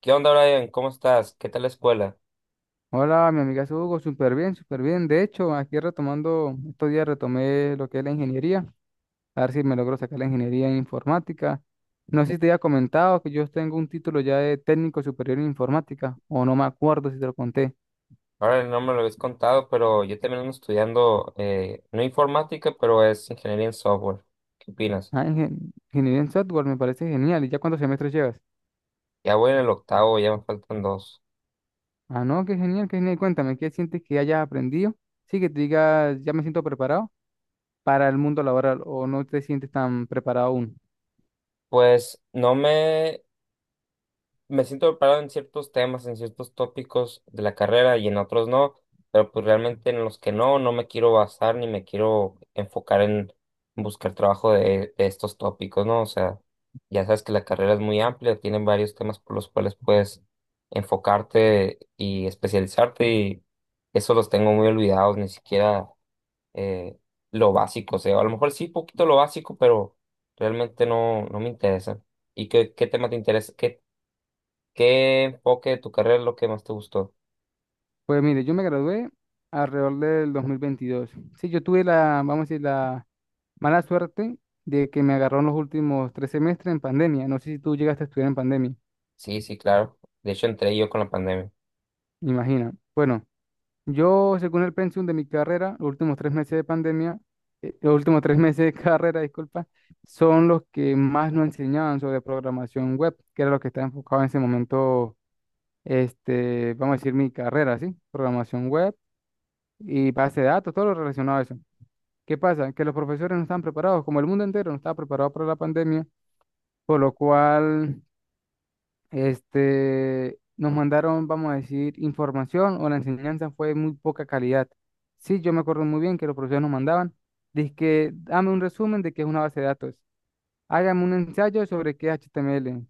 ¿Qué onda, Brian? ¿Cómo estás? ¿Qué tal la escuela? Hola, mi amiga Hugo, súper bien, súper bien. De hecho, aquí retomando, estos días retomé lo que es la ingeniería, a ver si me logro sacar la ingeniería en informática. No sé si te había comentado que yo tengo un título ya de técnico superior en informática, o no me acuerdo si te lo conté. Ahora no me lo habéis contado, pero yo también ando estudiando, no informática, pero es ingeniería en software. ¿Qué opinas? Ah, ingeniería en software me parece genial. ¿Y ya cuántos semestres llevas? Ya voy en el octavo, ya me faltan dos. Ah, no, qué genial, qué genial. Cuéntame, ¿qué sientes que hayas aprendido? Sí, que te digas, ya me siento preparado para el mundo laboral, o no te sientes tan preparado aún. Pues no me Me siento preparado en ciertos temas, en ciertos tópicos de la carrera y en otros no, pero pues realmente en los que no, no me quiero basar ni me quiero enfocar en buscar trabajo de estos tópicos, ¿no? O sea, ya sabes que la carrera es muy amplia, tienen varios temas por los cuales puedes enfocarte y especializarte y eso los tengo muy olvidados, ni siquiera eh, lo básico, o sea, a lo mejor sí, poquito lo básico, pero realmente no, no me interesa. ¿Y qué tema te interesa? ¿Qué enfoque de tu carrera es lo que más te gustó? Pues mire, yo me gradué alrededor del 2022. Sí, yo tuve la, vamos a decir, la mala suerte de que me agarró en los últimos 3 semestres en pandemia. No sé si tú llegaste a estudiar en pandemia, Sí, sí, claro. De hecho, entré yo con la pandemia. imagina. Bueno, yo, según el pensum de mi carrera, los últimos 3 meses de pandemia, los últimos tres meses de carrera, disculpa, son los que más nos enseñaban sobre programación web, que era lo que estaba enfocado en ese momento, vamos a decir, mi carrera, ¿sí? Programación web y base de datos, todo lo relacionado a eso. ¿Qué pasa? Que los profesores no están preparados, como el mundo entero no estaba preparado para la pandemia, por lo cual nos mandaron, vamos a decir, información o la enseñanza fue de muy poca calidad. Sí, yo me acuerdo muy bien que los profesores nos mandaban, que dame un resumen de qué es una base de datos, hágame un ensayo sobre qué es HTML,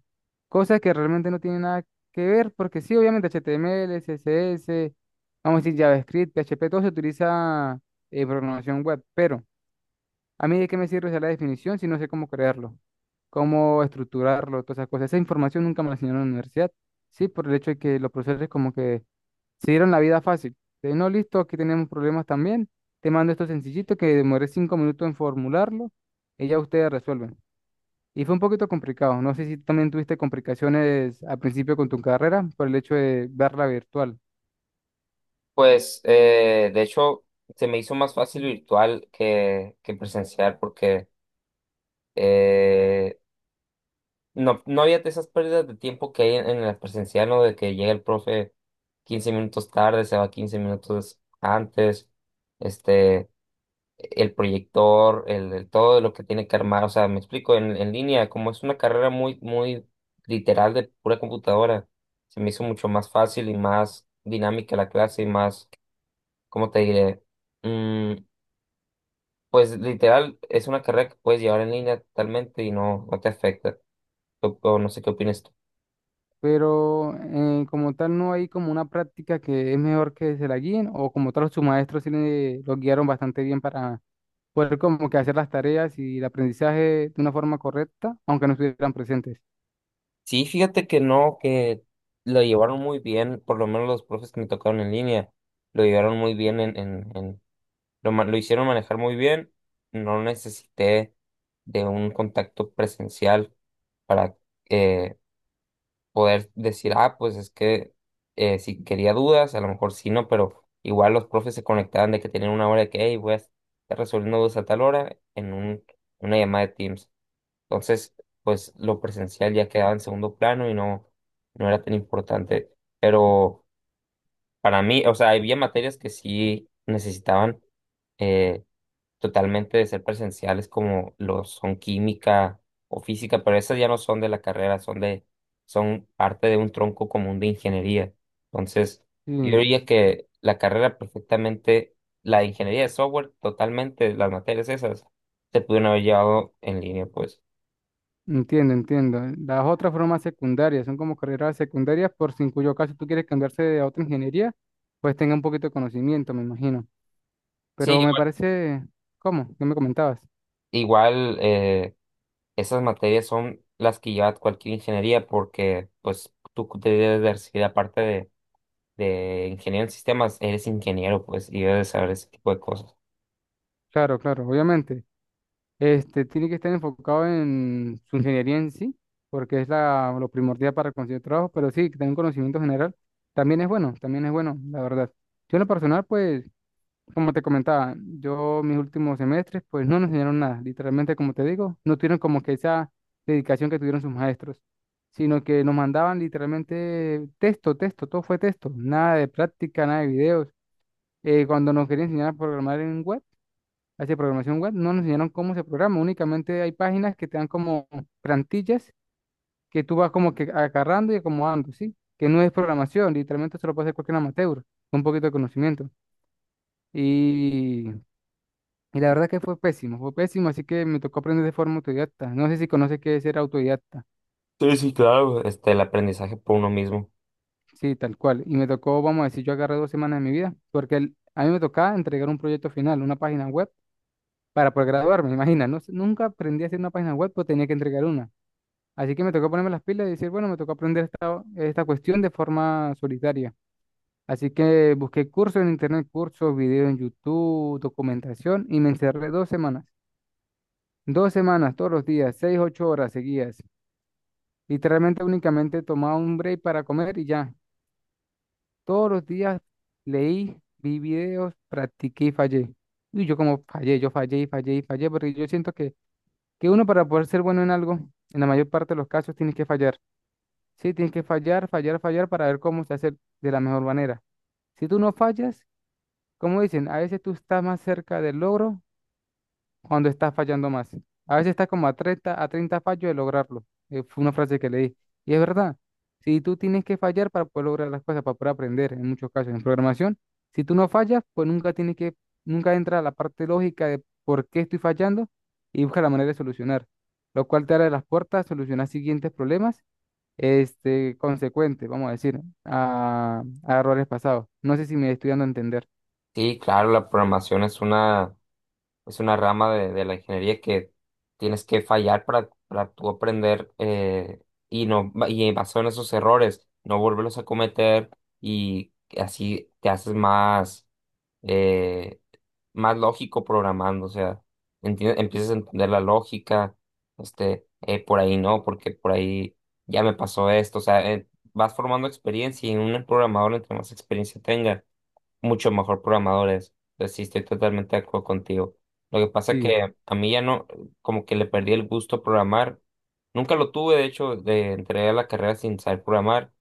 cosas que realmente no tienen nada que ver, porque sí, obviamente HTML, CSS, vamos a decir JavaScript, PHP, todo se utiliza en programación web, pero a mí de qué me sirve saber la definición si no sé cómo crearlo, cómo estructurarlo, todas esas cosas. Esa información nunca me la enseñaron en la universidad. Sí, por el hecho de que los profesores como que se dieron la vida fácil. De no, listo, aquí tenemos problemas también. Te mando esto sencillito que demoré 5 minutos en formularlo y ya ustedes resuelven. Y fue un poquito complicado. No sé si también tuviste complicaciones al principio con tu carrera por el hecho de verla virtual. Pues, de hecho, se me hizo más fácil virtual que presencial porque eh, no había esas pérdidas de tiempo que hay en la presencial, ¿no? De que llega el profe 15 minutos tarde, se va 15 minutos antes. Este, el proyector, el todo lo que tiene que armar. O sea, me explico, en línea, como es una carrera muy literal de pura computadora, se me hizo mucho más fácil y más dinámica la clase y más, ¿cómo te diré? Mm, pues literal, es una carrera que puedes llevar en línea totalmente y no, no te afecta. O no sé qué opinas tú. Pero como tal no hay como una práctica que es mejor que se la guíen o como tal sus maestros los guiaron bastante bien para poder como que hacer las tareas y el aprendizaje de una forma correcta, aunque no estuvieran presentes. Sí, fíjate que no, que lo llevaron muy bien, por lo menos los profes que me tocaron en línea, lo llevaron muy bien en lo hicieron manejar muy bien. No necesité de un contacto presencial para eh, poder decir, ah, pues es que si quería dudas, a lo mejor sí, no, pero igual los profes se conectaban de que tenían una hora de que, hey, voy a estar resolviendo dudas a tal hora en una llamada de Teams. Entonces, pues lo presencial ya quedaba en segundo plano y no, no era tan importante. Pero para mí, o sea, había materias que sí necesitaban. eh, Totalmente de ser presenciales como lo son química o física, pero esas ya no son de la carrera, son son parte de un tronco común de ingeniería. Entonces, Sí, yo diría que la carrera perfectamente, la de ingeniería de software, totalmente, las materias esas, se pudieron haber llevado en línea, pues. entiendo, entiendo. Las otras formas secundarias son como carreras secundarias por si en cuyo caso tú quieres cambiarse a otra ingeniería, pues tenga un poquito de conocimiento, me imagino. Sí, Pero me igual, parece, ¿cómo? ¿Qué me comentabas? igual, esas materias son las que lleva cualquier ingeniería porque, pues, tú debes de recibir aparte de ingeniero en sistemas, eres ingeniero, pues, y debes saber ese tipo de cosas. Claro, claro, obviamente. Tiene que estar enfocado en su ingeniería en sí, porque es la, lo primordial para conseguir trabajo, pero sí, que tenga un conocimiento general también es bueno, la verdad. Yo en lo personal, pues, como te comentaba, yo mis últimos semestres, pues no nos enseñaron nada, literalmente, como te digo, no tuvieron como que esa dedicación que tuvieron sus maestros, sino que nos mandaban literalmente texto, texto, todo fue texto, nada de práctica, nada de videos. Cuando nos querían enseñar a programar en web, hacia programación web, no nos enseñaron cómo se programa, únicamente hay páginas que te dan como plantillas que tú vas como que agarrando y acomodando, ¿sí? Que no es programación, literalmente se lo puede hacer cualquier amateur, con un poquito de conocimiento. Y, y la verdad que fue pésimo, así que me tocó aprender de forma autodidacta. No sé si conoces qué es ser autodidacta, Sí, sí, claro. Este, el aprendizaje por uno mismo. sí, tal cual. Y me tocó, vamos a decir, yo agarré 2 semanas de mi vida, porque a mí me tocaba entregar un proyecto final, una página web, para poder graduarme, imagina, no, sé, nunca aprendí a hacer una página web, pues tenía que entregar una. Así que me tocó ponerme las pilas y decir, bueno, me tocó aprender esta cuestión de forma solitaria. Así que busqué cursos en internet, cursos, videos en YouTube, documentación y me encerré 2 semanas. 2 semanas, todos los días, 6, 8 horas seguidas. Literalmente únicamente tomaba un break para comer y ya. Todos los días leí, vi videos, practiqué y fallé. Y yo como fallé, yo fallé y fallé y fallé, porque yo siento que uno para poder ser bueno en algo, en la mayor parte de los casos, tienes que fallar. Sí, tienes que fallar, fallar, fallar para ver cómo se hace de la mejor manera. Si tú no fallas, como dicen, a veces tú estás más cerca del logro cuando estás fallando más. A veces estás como a 30 a 30 fallos de lograrlo. Fue una frase que leí. Y es verdad, si tú tienes que fallar para poder lograr las cosas, para poder aprender, en muchos casos en programación, si tú no fallas, pues nunca tienes que, nunca entra la parte lógica de por qué estoy fallando y busca la manera de solucionar, lo cual te abre las puertas a solucionar siguientes problemas consecuente, vamos a decir, a errores pasados. No sé si me estoy dando a entender. Sí, claro, la programación es una rama de la ingeniería que tienes que fallar para tú aprender y no, y basado en esos errores, no volverlos a cometer y así te haces más. eh, Más lógico programando, o sea, empiezas a entender la lógica, este, por ahí no, porque por ahí ya me pasó esto, o sea, vas formando experiencia y un programador, entre más experiencia tenga, mucho mejor programador es. Entonces, sí, estoy totalmente de acuerdo contigo. Lo que pasa Sí. que a mí ya no, como que le perdí el gusto a programar. Nunca lo tuve, de hecho, de entré a la carrera sin saber programar.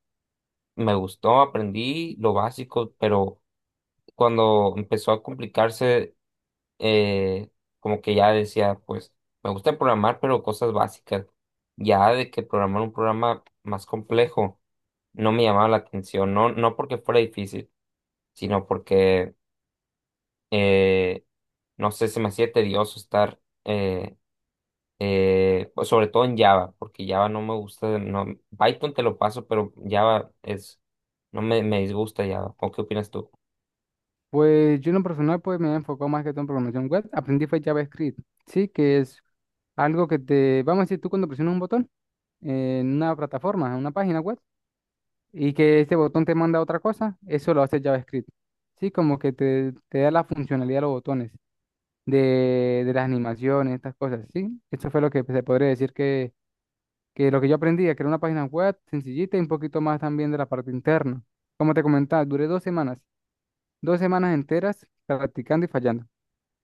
Me gustó, aprendí lo básico, pero cuando empezó a complicarse, eh, como que ya decía, pues, me gusta programar, pero cosas básicas. Ya de que programar un programa más complejo no me llamaba la atención, no, no porque fuera difícil, sino porque, eh, no sé, se me hacía tedioso estar, eh, pues, sobre todo en Java, porque Java no me gusta, no, Python te lo paso, pero Java es, no me, me disgusta Java. ¿O qué opinas tú? Pues yo en lo personal pues me he enfocado más que todo en programación web. Aprendí fue JavaScript, sí, que es algo que te, vamos a decir, tú cuando presionas un botón en una plataforma, en una página web, y que este botón te manda a otra cosa, eso lo hace JavaScript. Sí, como que te da la funcionalidad de los botones, de las animaciones, estas cosas, ¿sí? Eso fue lo que se podría decir que lo que yo aprendí a crear una página web sencillita y un poquito más también de la parte interna. Como te comentaba, duré 2 semanas, 2 semanas enteras practicando y fallando.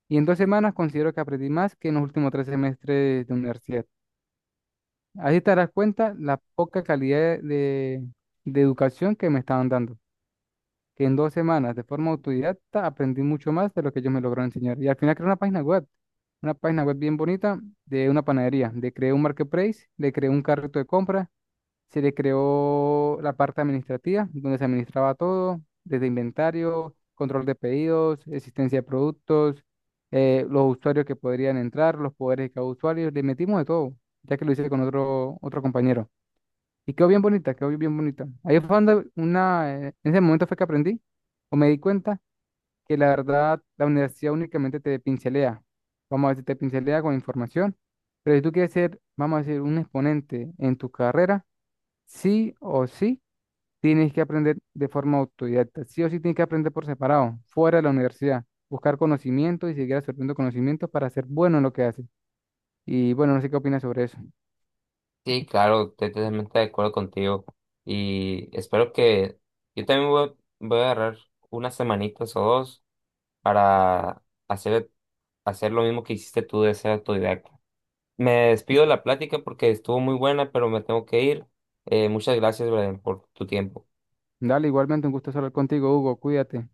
Y en 2 semanas considero que aprendí más que en los últimos tres semestres de universidad. Ahí te darás cuenta la poca calidad de educación que me estaban dando. Que en 2 semanas, de forma autodidacta, aprendí mucho más de lo que ellos me lograron enseñar. Y al final creé una página web bien bonita de una panadería. Le creé un marketplace, le creé un carrito de compra. Se le creó la parte administrativa, donde se administraba todo, desde inventario, control de pedidos, existencia de productos, los usuarios que podrían entrar, los poderes de cada usuario. Le metimos de todo, ya que lo hice con otro compañero. Y quedó bien bonita, quedó bien bonita. Ahí fue donde en ese momento fue que aprendí o me di cuenta que la verdad la universidad únicamente te pincelea. Vamos a decir, te pincelea con información, pero si tú quieres ser, vamos a decir, un exponente en tu carrera, sí o sí tienes que aprender de forma autodidacta. Sí o sí tienes que aprender por separado, fuera de la universidad. Buscar conocimiento y seguir absorbiendo conocimientos para ser bueno en lo que haces. Y bueno, no sé qué opinas sobre eso. Sí, claro, estoy totalmente de acuerdo contigo y espero que yo también voy a agarrar unas semanitas o dos para hacer, hacer lo mismo que hiciste tú de ser autodidacta. Me despido de la plática porque estuvo muy buena, pero me tengo que ir. Muchas gracias, Brian, por tu tiempo. Dale, igualmente un gusto hablar contigo, Hugo. Cuídate.